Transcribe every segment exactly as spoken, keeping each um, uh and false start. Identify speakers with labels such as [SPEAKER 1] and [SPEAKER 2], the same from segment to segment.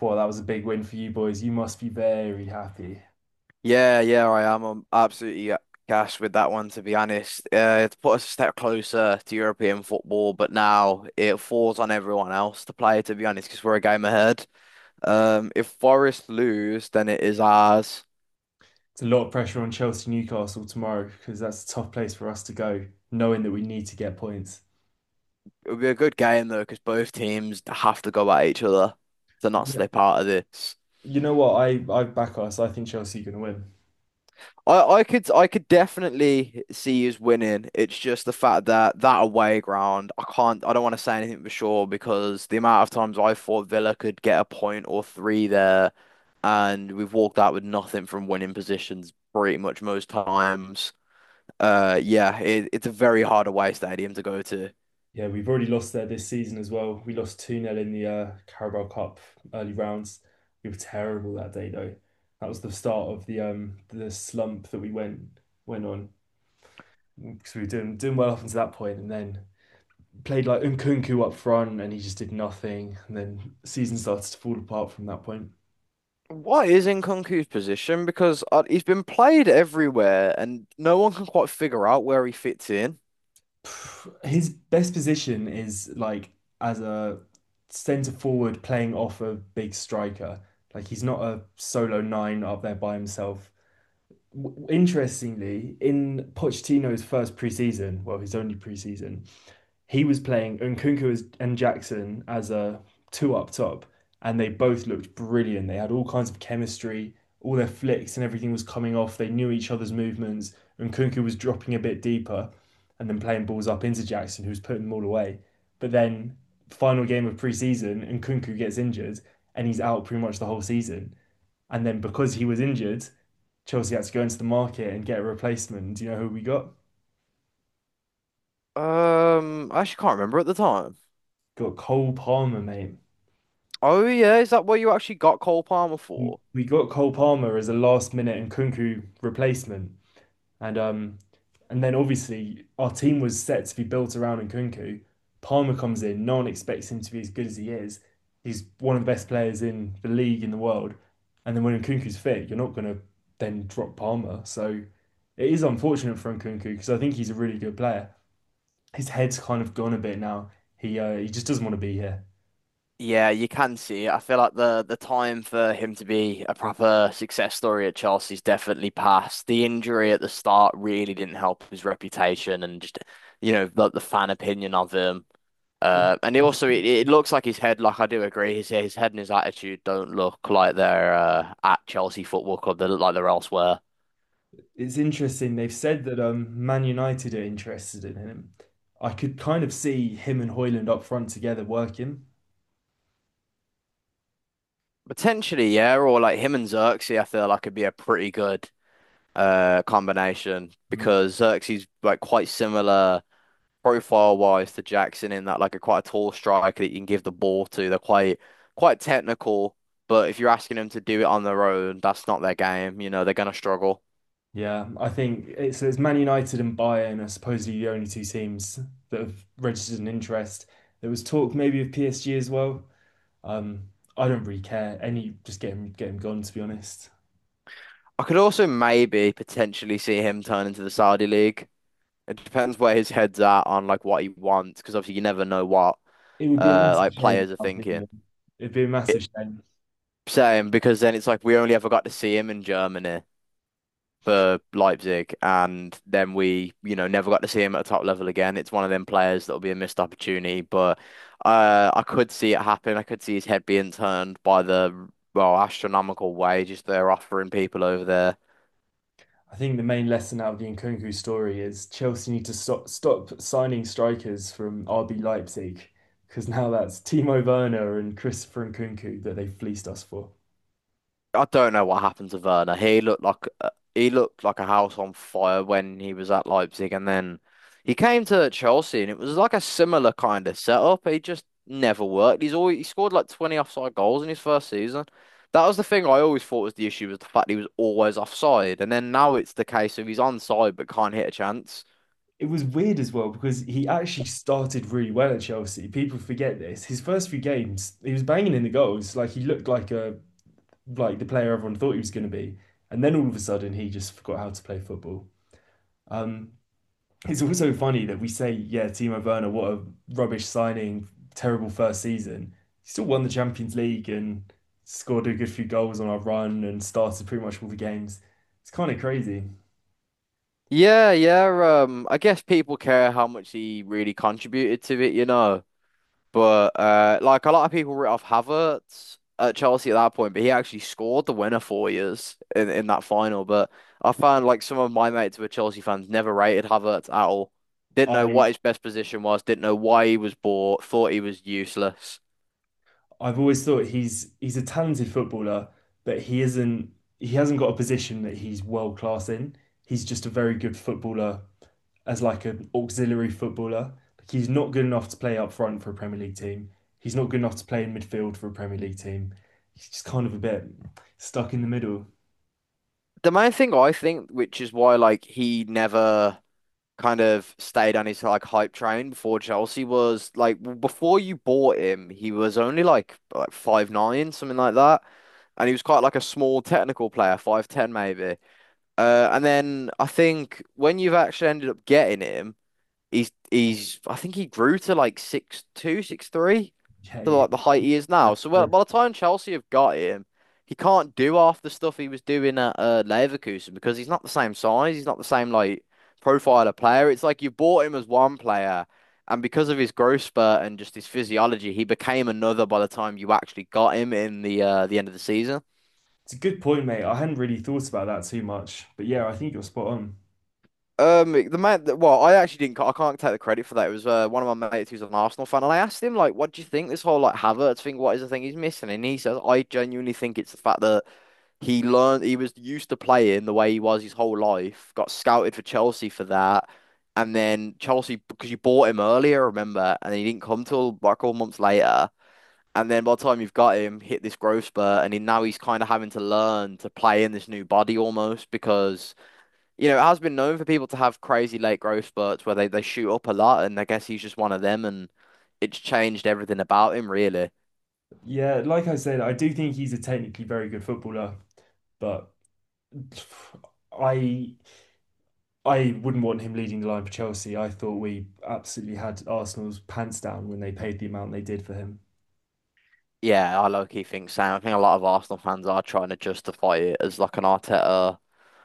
[SPEAKER 1] Well, that was a big win for you boys. You must be very happy.
[SPEAKER 2] Yeah, yeah, I am. I'm absolutely uh, gassed with that one, to be honest. Uh, it's put us a step closer to European football, but now it falls on everyone else to play, to be honest, because we're a game ahead. Um, if Forest lose, then it is ours.
[SPEAKER 1] It's a lot of pressure on Chelsea Newcastle tomorrow because that's a tough place for us to go, knowing that we need to get points.
[SPEAKER 2] It'll be a good game, though, because both teams have to go at each other to not
[SPEAKER 1] Yeah.
[SPEAKER 2] slip out of this.
[SPEAKER 1] You know what? I, I back us. I think Chelsea are going to win.
[SPEAKER 2] I, I could I could definitely see us winning. It's just the fact that that away ground, I can't I don't want to say anything for sure because the amount of times I thought Villa could get a point or three there, and we've walked out with nothing from winning positions pretty much most times. Uh, yeah, it, it's a very hard away stadium to go to.
[SPEAKER 1] Yeah, we've already lost there this season as well. We lost two nil in the uh, Carabao Cup early rounds. We were terrible that day, though. That was the start of the um the slump that we went went on because we were doing doing well up until that point, and then played like Nkunku up front and he just did nothing. And then the season started to fall apart from that point.
[SPEAKER 2] What is Nkunku's position? Because uh, he's been played everywhere, and no one can quite figure out where he fits in.
[SPEAKER 1] His best position is like as a centre forward playing off a big striker. Like he's not a solo nine up there by himself. Interestingly, in Pochettino's first preseason, well, his only preseason, he was playing Nkunku and Jackson as a two up top, and they both looked brilliant. They had all kinds of chemistry, all their flicks and everything was coming off. They knew each other's movements. Nkunku was dropping a bit deeper and then playing balls up into Jackson, who was putting them all away. But then, final game of preseason, Nkunku gets injured and he's out pretty much the whole season. And then, because he was injured, Chelsea had to go into the market and get a replacement. Do you know who we got?
[SPEAKER 2] Um, I actually can't remember at the time.
[SPEAKER 1] Got Cole Palmer, mate.
[SPEAKER 2] Oh yeah, is that what you actually got Cole Palmer
[SPEAKER 1] we
[SPEAKER 2] for?
[SPEAKER 1] we got Cole Palmer as a last minute and Kunku replacement, and um, and then obviously our team was set to be built around Nkunku. Palmer comes in, no one expects him to be as good as he is. He's one of the best players in the league in the world, and then when Nkunku's fit, you're not gonna then drop Palmer. So it is unfortunate for Nkunku because I think he's a really good player. His head's kind of gone a bit now. He uh, he just doesn't want to be here.
[SPEAKER 2] Yeah, you can see it. I feel like the the time for him to be a proper success story at Chelsea's definitely passed. The injury at the start really didn't help his reputation and just you know the, the fan opinion of him. Uh, and he
[SPEAKER 1] It's
[SPEAKER 2] also, it, it looks like his head. Like I do agree, his his head and his attitude don't look like they're uh, at Chelsea Football Club. They look like they're elsewhere.
[SPEAKER 1] It's interesting. They've said that um, Man United are interested in him. I could kind of see him and Hoyland up front together working.
[SPEAKER 2] Potentially, yeah, or like him and Xerxes, I feel like could be a pretty good uh combination,
[SPEAKER 1] Mm.
[SPEAKER 2] because Xerxes like quite similar profile wise to Jackson in that like a quite a tall striker that you can give the ball to. They're quite quite technical, but if you're asking them to do it on their own, that's not their game. You know, they're gonna struggle.
[SPEAKER 1] Yeah, I think it's, it's Man United and Bayern are supposedly the only two teams that have registered an interest. There was talk maybe of P S G as well. Um, I don't really care. Any, just get him, get him gone, to be honest.
[SPEAKER 2] I could also maybe potentially see him turn into the Saudi League. It depends where his head's at on like what he wants, because obviously you never know what
[SPEAKER 1] It would be a
[SPEAKER 2] uh
[SPEAKER 1] massive
[SPEAKER 2] like
[SPEAKER 1] shame, in
[SPEAKER 2] players are
[SPEAKER 1] my
[SPEAKER 2] thinking.
[SPEAKER 1] opinion. It'd be a massive
[SPEAKER 2] It-
[SPEAKER 1] shame.
[SPEAKER 2] Same, because then it's like we only ever got to see him in Germany, for Leipzig, and then we, you know, never got to see him at a top level again. It's one of them players that'll be a missed opportunity, but uh, I could see it happen. I could see his head being turned by the, well, astronomical wages they're offering people over there.
[SPEAKER 1] I think the main lesson out of the Nkunku story is Chelsea need to stop stop signing strikers from R B Leipzig because now that's Timo Werner and Christopher Nkunku that they fleeced us for.
[SPEAKER 2] I don't know what happened to Werner. He looked like uh, he looked like a house on fire when he was at Leipzig, and then he came to Chelsea, and it was like a similar kind of setup. He just never worked. He's always he scored like twenty offside goals in his first season. That was the thing I always thought was the issue, was the fact he was always offside, and then now it's the case of he's onside but can't hit a chance.
[SPEAKER 1] It was weird as well because he actually started really well at Chelsea. People forget this. His first few games, he was banging in the goals, like he looked like a like the player everyone thought he was going to be. And then all of a sudden, he just forgot how to play football. Um, It's also funny that we say, yeah, Timo Werner, what a rubbish signing, terrible first season. He still won the Champions League and scored a good few goals on our run and started pretty much all the games. It's kind of crazy.
[SPEAKER 2] Yeah, yeah. Um, I guess people care how much he really contributed to it, you know. But uh, like a lot of people wrote off Havertz at Chelsea at that point, but he actually scored the winner for years in, in that final. But I found like some of my mates who were Chelsea fans never rated Havertz at all. Didn't know
[SPEAKER 1] I
[SPEAKER 2] what his best position was, didn't know why he was bought, thought he was useless.
[SPEAKER 1] I've always thought he's he's a talented footballer, but he isn't he hasn't got a position that he's world class in. He's just a very good footballer as like an auxiliary footballer. Like he's not good enough to play up front for a Premier League team. He's not good enough to play in midfield for a Premier League team. He's just kind of a bit stuck in the middle.
[SPEAKER 2] The main thing I think, which is why like he never kind of stayed on his like hype train before Chelsea, was like before you bought him, he was only like like five nine, something like that. And he was quite like a small technical player, five ten maybe. Uh, and then I think when you've actually ended up getting him, he's he's I think he grew to like six two, six three,
[SPEAKER 1] Yeah,
[SPEAKER 2] to
[SPEAKER 1] yeah.
[SPEAKER 2] like the height he is now. So well, by the time Chelsea have got him, he can't do half the stuff he was doing at uh, Leverkusen, because he's not the same size. He's not the same like profile of player. It's like you bought him as one player, and because of his growth spurt and just his physiology, he became another by the time you actually got him in the uh, the end of the season.
[SPEAKER 1] It's a good point, mate. I hadn't really thought about that too much, but yeah, I think you're spot on.
[SPEAKER 2] Um, the man, that- well, I actually didn't. I can't take the credit for that. It was uh, one of my mates who's an Arsenal fan, and I asked him like, "What do you think this whole like Havertz thing? What is the thing he's missing?" And he says, "I genuinely think it's the fact that." He learned, he was used to playing the way he was his whole life, got scouted for Chelsea for that. And then Chelsea, because you bought him earlier, remember, and he didn't come till like all months later. And then by the time you've got him, hit this growth spurt, and he, now he's kind of having to learn to play in this new body almost because, you know, it has been known for people to have crazy late growth spurts where they, they shoot up a lot. And I guess he's just one of them, and it's changed everything about him, really.
[SPEAKER 1] Yeah, like I said, I do think he's a technically very good footballer, but I I wouldn't want him leading the line for Chelsea. I thought we absolutely had Arsenal's pants down when they paid the amount they did for him.
[SPEAKER 2] Yeah, I low-key think same. I think a lot of Arsenal fans are trying to justify it as like an Arteta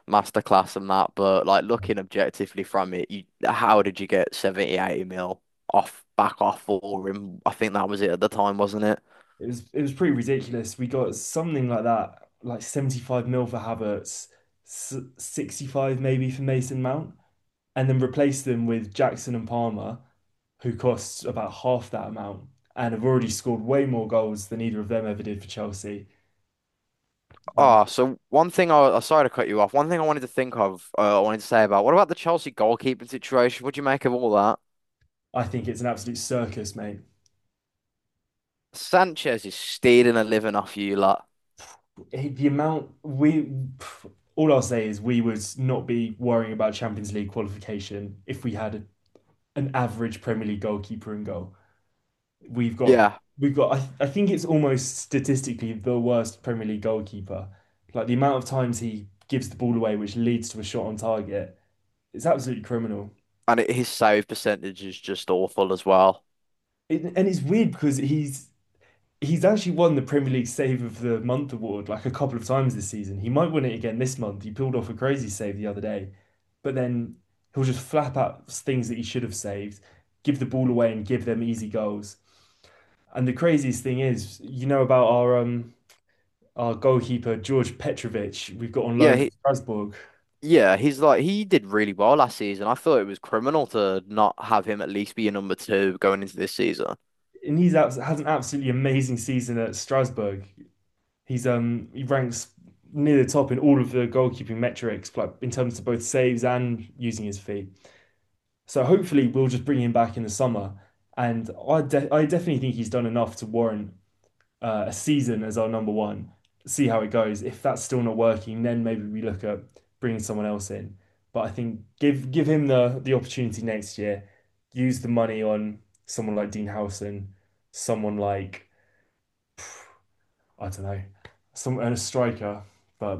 [SPEAKER 2] masterclass and that, but like looking objectively from it, you how did you get seventy, eighty mil off back off for him? I think that was it at the time, wasn't it?
[SPEAKER 1] It was it was pretty ridiculous. We got something like that, like seventy-five mil for Havertz, s- sixty-five maybe for Mason Mount, and then replaced them with Jackson and Palmer, who cost about half that amount and have already scored way more goals than either of them ever did for Chelsea. Um,
[SPEAKER 2] Oh, so one thing I, I sorry to cut you off. One thing I wanted to think of, uh, I wanted to say, about what about the Chelsea goalkeeping situation? What do you make of all that?
[SPEAKER 1] I think it's an absolute circus, mate.
[SPEAKER 2] Sanchez is stealing a living off you lot.
[SPEAKER 1] Eh, The amount we, pff, all I'll say is we would not be worrying about Champions League qualification if we had a, an average Premier League goalkeeper in goal. We've got
[SPEAKER 2] Yeah,
[SPEAKER 1] we've got I, th- I think it's almost statistically the worst Premier League goalkeeper. Like the amount of times he gives the ball away, which leads to a shot on target, it's absolutely criminal.
[SPEAKER 2] and it, his save percentage is just awful as well.
[SPEAKER 1] It, and it's weird because he's he's actually won the Premier League Save of the Month award like a couple of times this season. He might win it again this month. He pulled off a crazy save the other day, but then he'll just flap out things that he should have saved, give the ball away, and give them easy goals. And the craziest thing is, you know about our um our goalkeeper George Petrovic we've got on
[SPEAKER 2] Yeah,
[SPEAKER 1] loan at
[SPEAKER 2] he,
[SPEAKER 1] Strasbourg,
[SPEAKER 2] Yeah, he's like he did really well last season. I thought it was criminal to not have him at least be a number two going into this season.
[SPEAKER 1] and he's has an absolutely amazing season at Strasbourg. He's um he ranks near the top in all of the goalkeeping metrics, like in terms of both saves and using his feet. So hopefully we'll just bring him back in the summer, and I de- I definitely think he's done enough to warrant uh, a season as our number one, see how it goes. If that's still not working, then maybe we look at bringing someone else in. But I think give give him the the opportunity next year. Use the money on someone like Dean Howson, someone like I don't know, some and a striker. But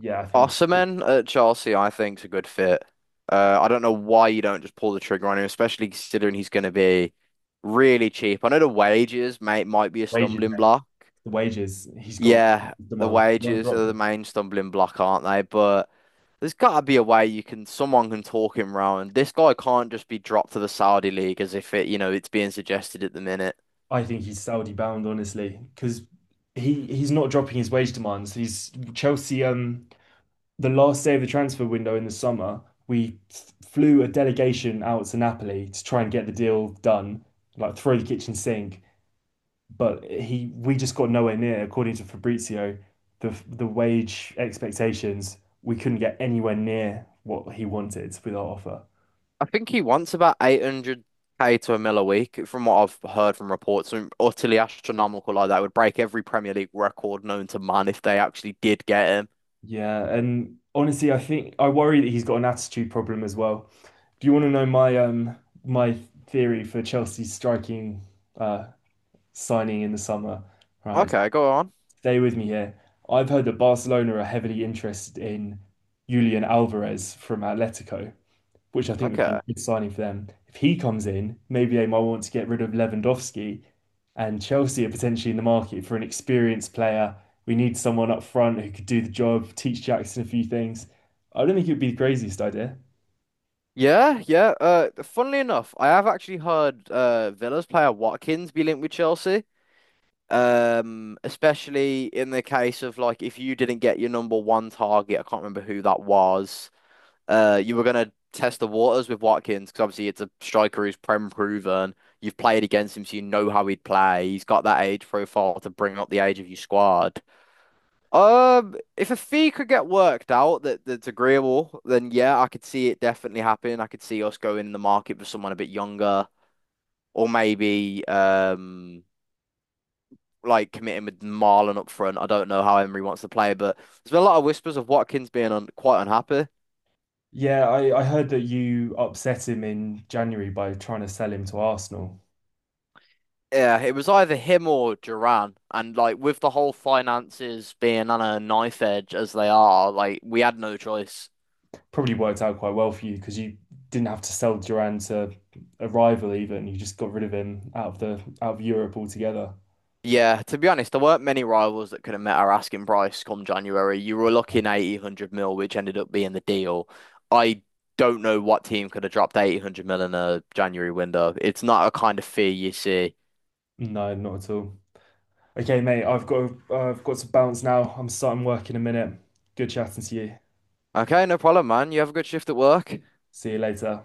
[SPEAKER 1] yeah, I think
[SPEAKER 2] Osimhen at Chelsea, I think's a good fit. Uh, I don't know why you don't just pull the trigger on him, especially considering he's going to be really cheap. I know the wages may might be a
[SPEAKER 1] wages,
[SPEAKER 2] stumbling block.
[SPEAKER 1] the wages. He's got
[SPEAKER 2] Yeah, the
[SPEAKER 1] demands. Won't
[SPEAKER 2] wages
[SPEAKER 1] drop
[SPEAKER 2] are the
[SPEAKER 1] them.
[SPEAKER 2] main stumbling block, aren't they? But there's got to be a way you can, someone can talk him round. This guy can't just be dropped to the Saudi league as if it, you know, it's being suggested at the minute.
[SPEAKER 1] I think he's Saudi bound, honestly, because he he's not dropping his wage demands. He's Chelsea. Um, the last day of the transfer window in the summer, we f- flew a delegation out to Napoli to try and get the deal done, like throw the kitchen sink. But he, we just got nowhere near, according to Fabrizio, the the wage expectations. We couldn't get anywhere near what he wanted with our offer.
[SPEAKER 2] I think he wants about eight hundred k to a mil a week, from what I've heard from reports. Something utterly astronomical like that. It would break every Premier League record known to man if they actually did get him.
[SPEAKER 1] Yeah, and honestly, I think I worry that he's got an attitude problem as well. Do you want to know my um my theory for Chelsea's striking uh signing in the summer? Right,
[SPEAKER 2] Okay, go on.
[SPEAKER 1] stay with me here. I've heard that Barcelona are heavily interested in Julian Alvarez from Atletico, which I think would be a
[SPEAKER 2] Okay.
[SPEAKER 1] good signing for them. If he comes in, maybe they might want to get rid of Lewandowski, and Chelsea are potentially in the market for an experienced player. We need someone up front who could do the job, teach Jackson a few things. I don't think it would be the craziest idea.
[SPEAKER 2] Yeah, yeah. Uh, funnily enough, I have actually heard uh Villa's player Watkins be linked with Chelsea. Um, especially in the case of like if you didn't get your number one target, I can't remember who that was. Uh, you were gonna test the waters with Watkins because obviously it's a striker who's prem proven. You've played against him, so you know how he'd play. He's got that age profile to bring up the age of your squad. Um, if a fee could get worked out that that's agreeable, then yeah, I could see it definitely happening. I could see us going in the market for someone a bit younger, or maybe um like committing with Marlon up front. I don't know how Emery wants to play, but there's been a lot of whispers of Watkins being un quite unhappy.
[SPEAKER 1] Yeah, I, I heard that you upset him in January by trying to sell him to Arsenal.
[SPEAKER 2] Yeah, it was either him or Duran, and like with the whole finances being on a knife edge as they are, like we had no choice.
[SPEAKER 1] Probably worked out quite well for you because you didn't have to sell Duran to a rival even. You just got rid of him out of the out of Europe altogether.
[SPEAKER 2] Yeah, to be honest, there weren't many rivals that could have met our asking price come January. You were looking eighty, a hundred mil, which ended up being the deal. I don't know what team could have dropped eighty, one hundred mil in a January window. It's not a kind of fee you see.
[SPEAKER 1] No, not at all. Okay, mate, I've got uh, I've got to bounce now. I'm starting work in a minute. Good chatting to you.
[SPEAKER 2] Okay, no problem, man. You have a good shift at work.
[SPEAKER 1] See you later.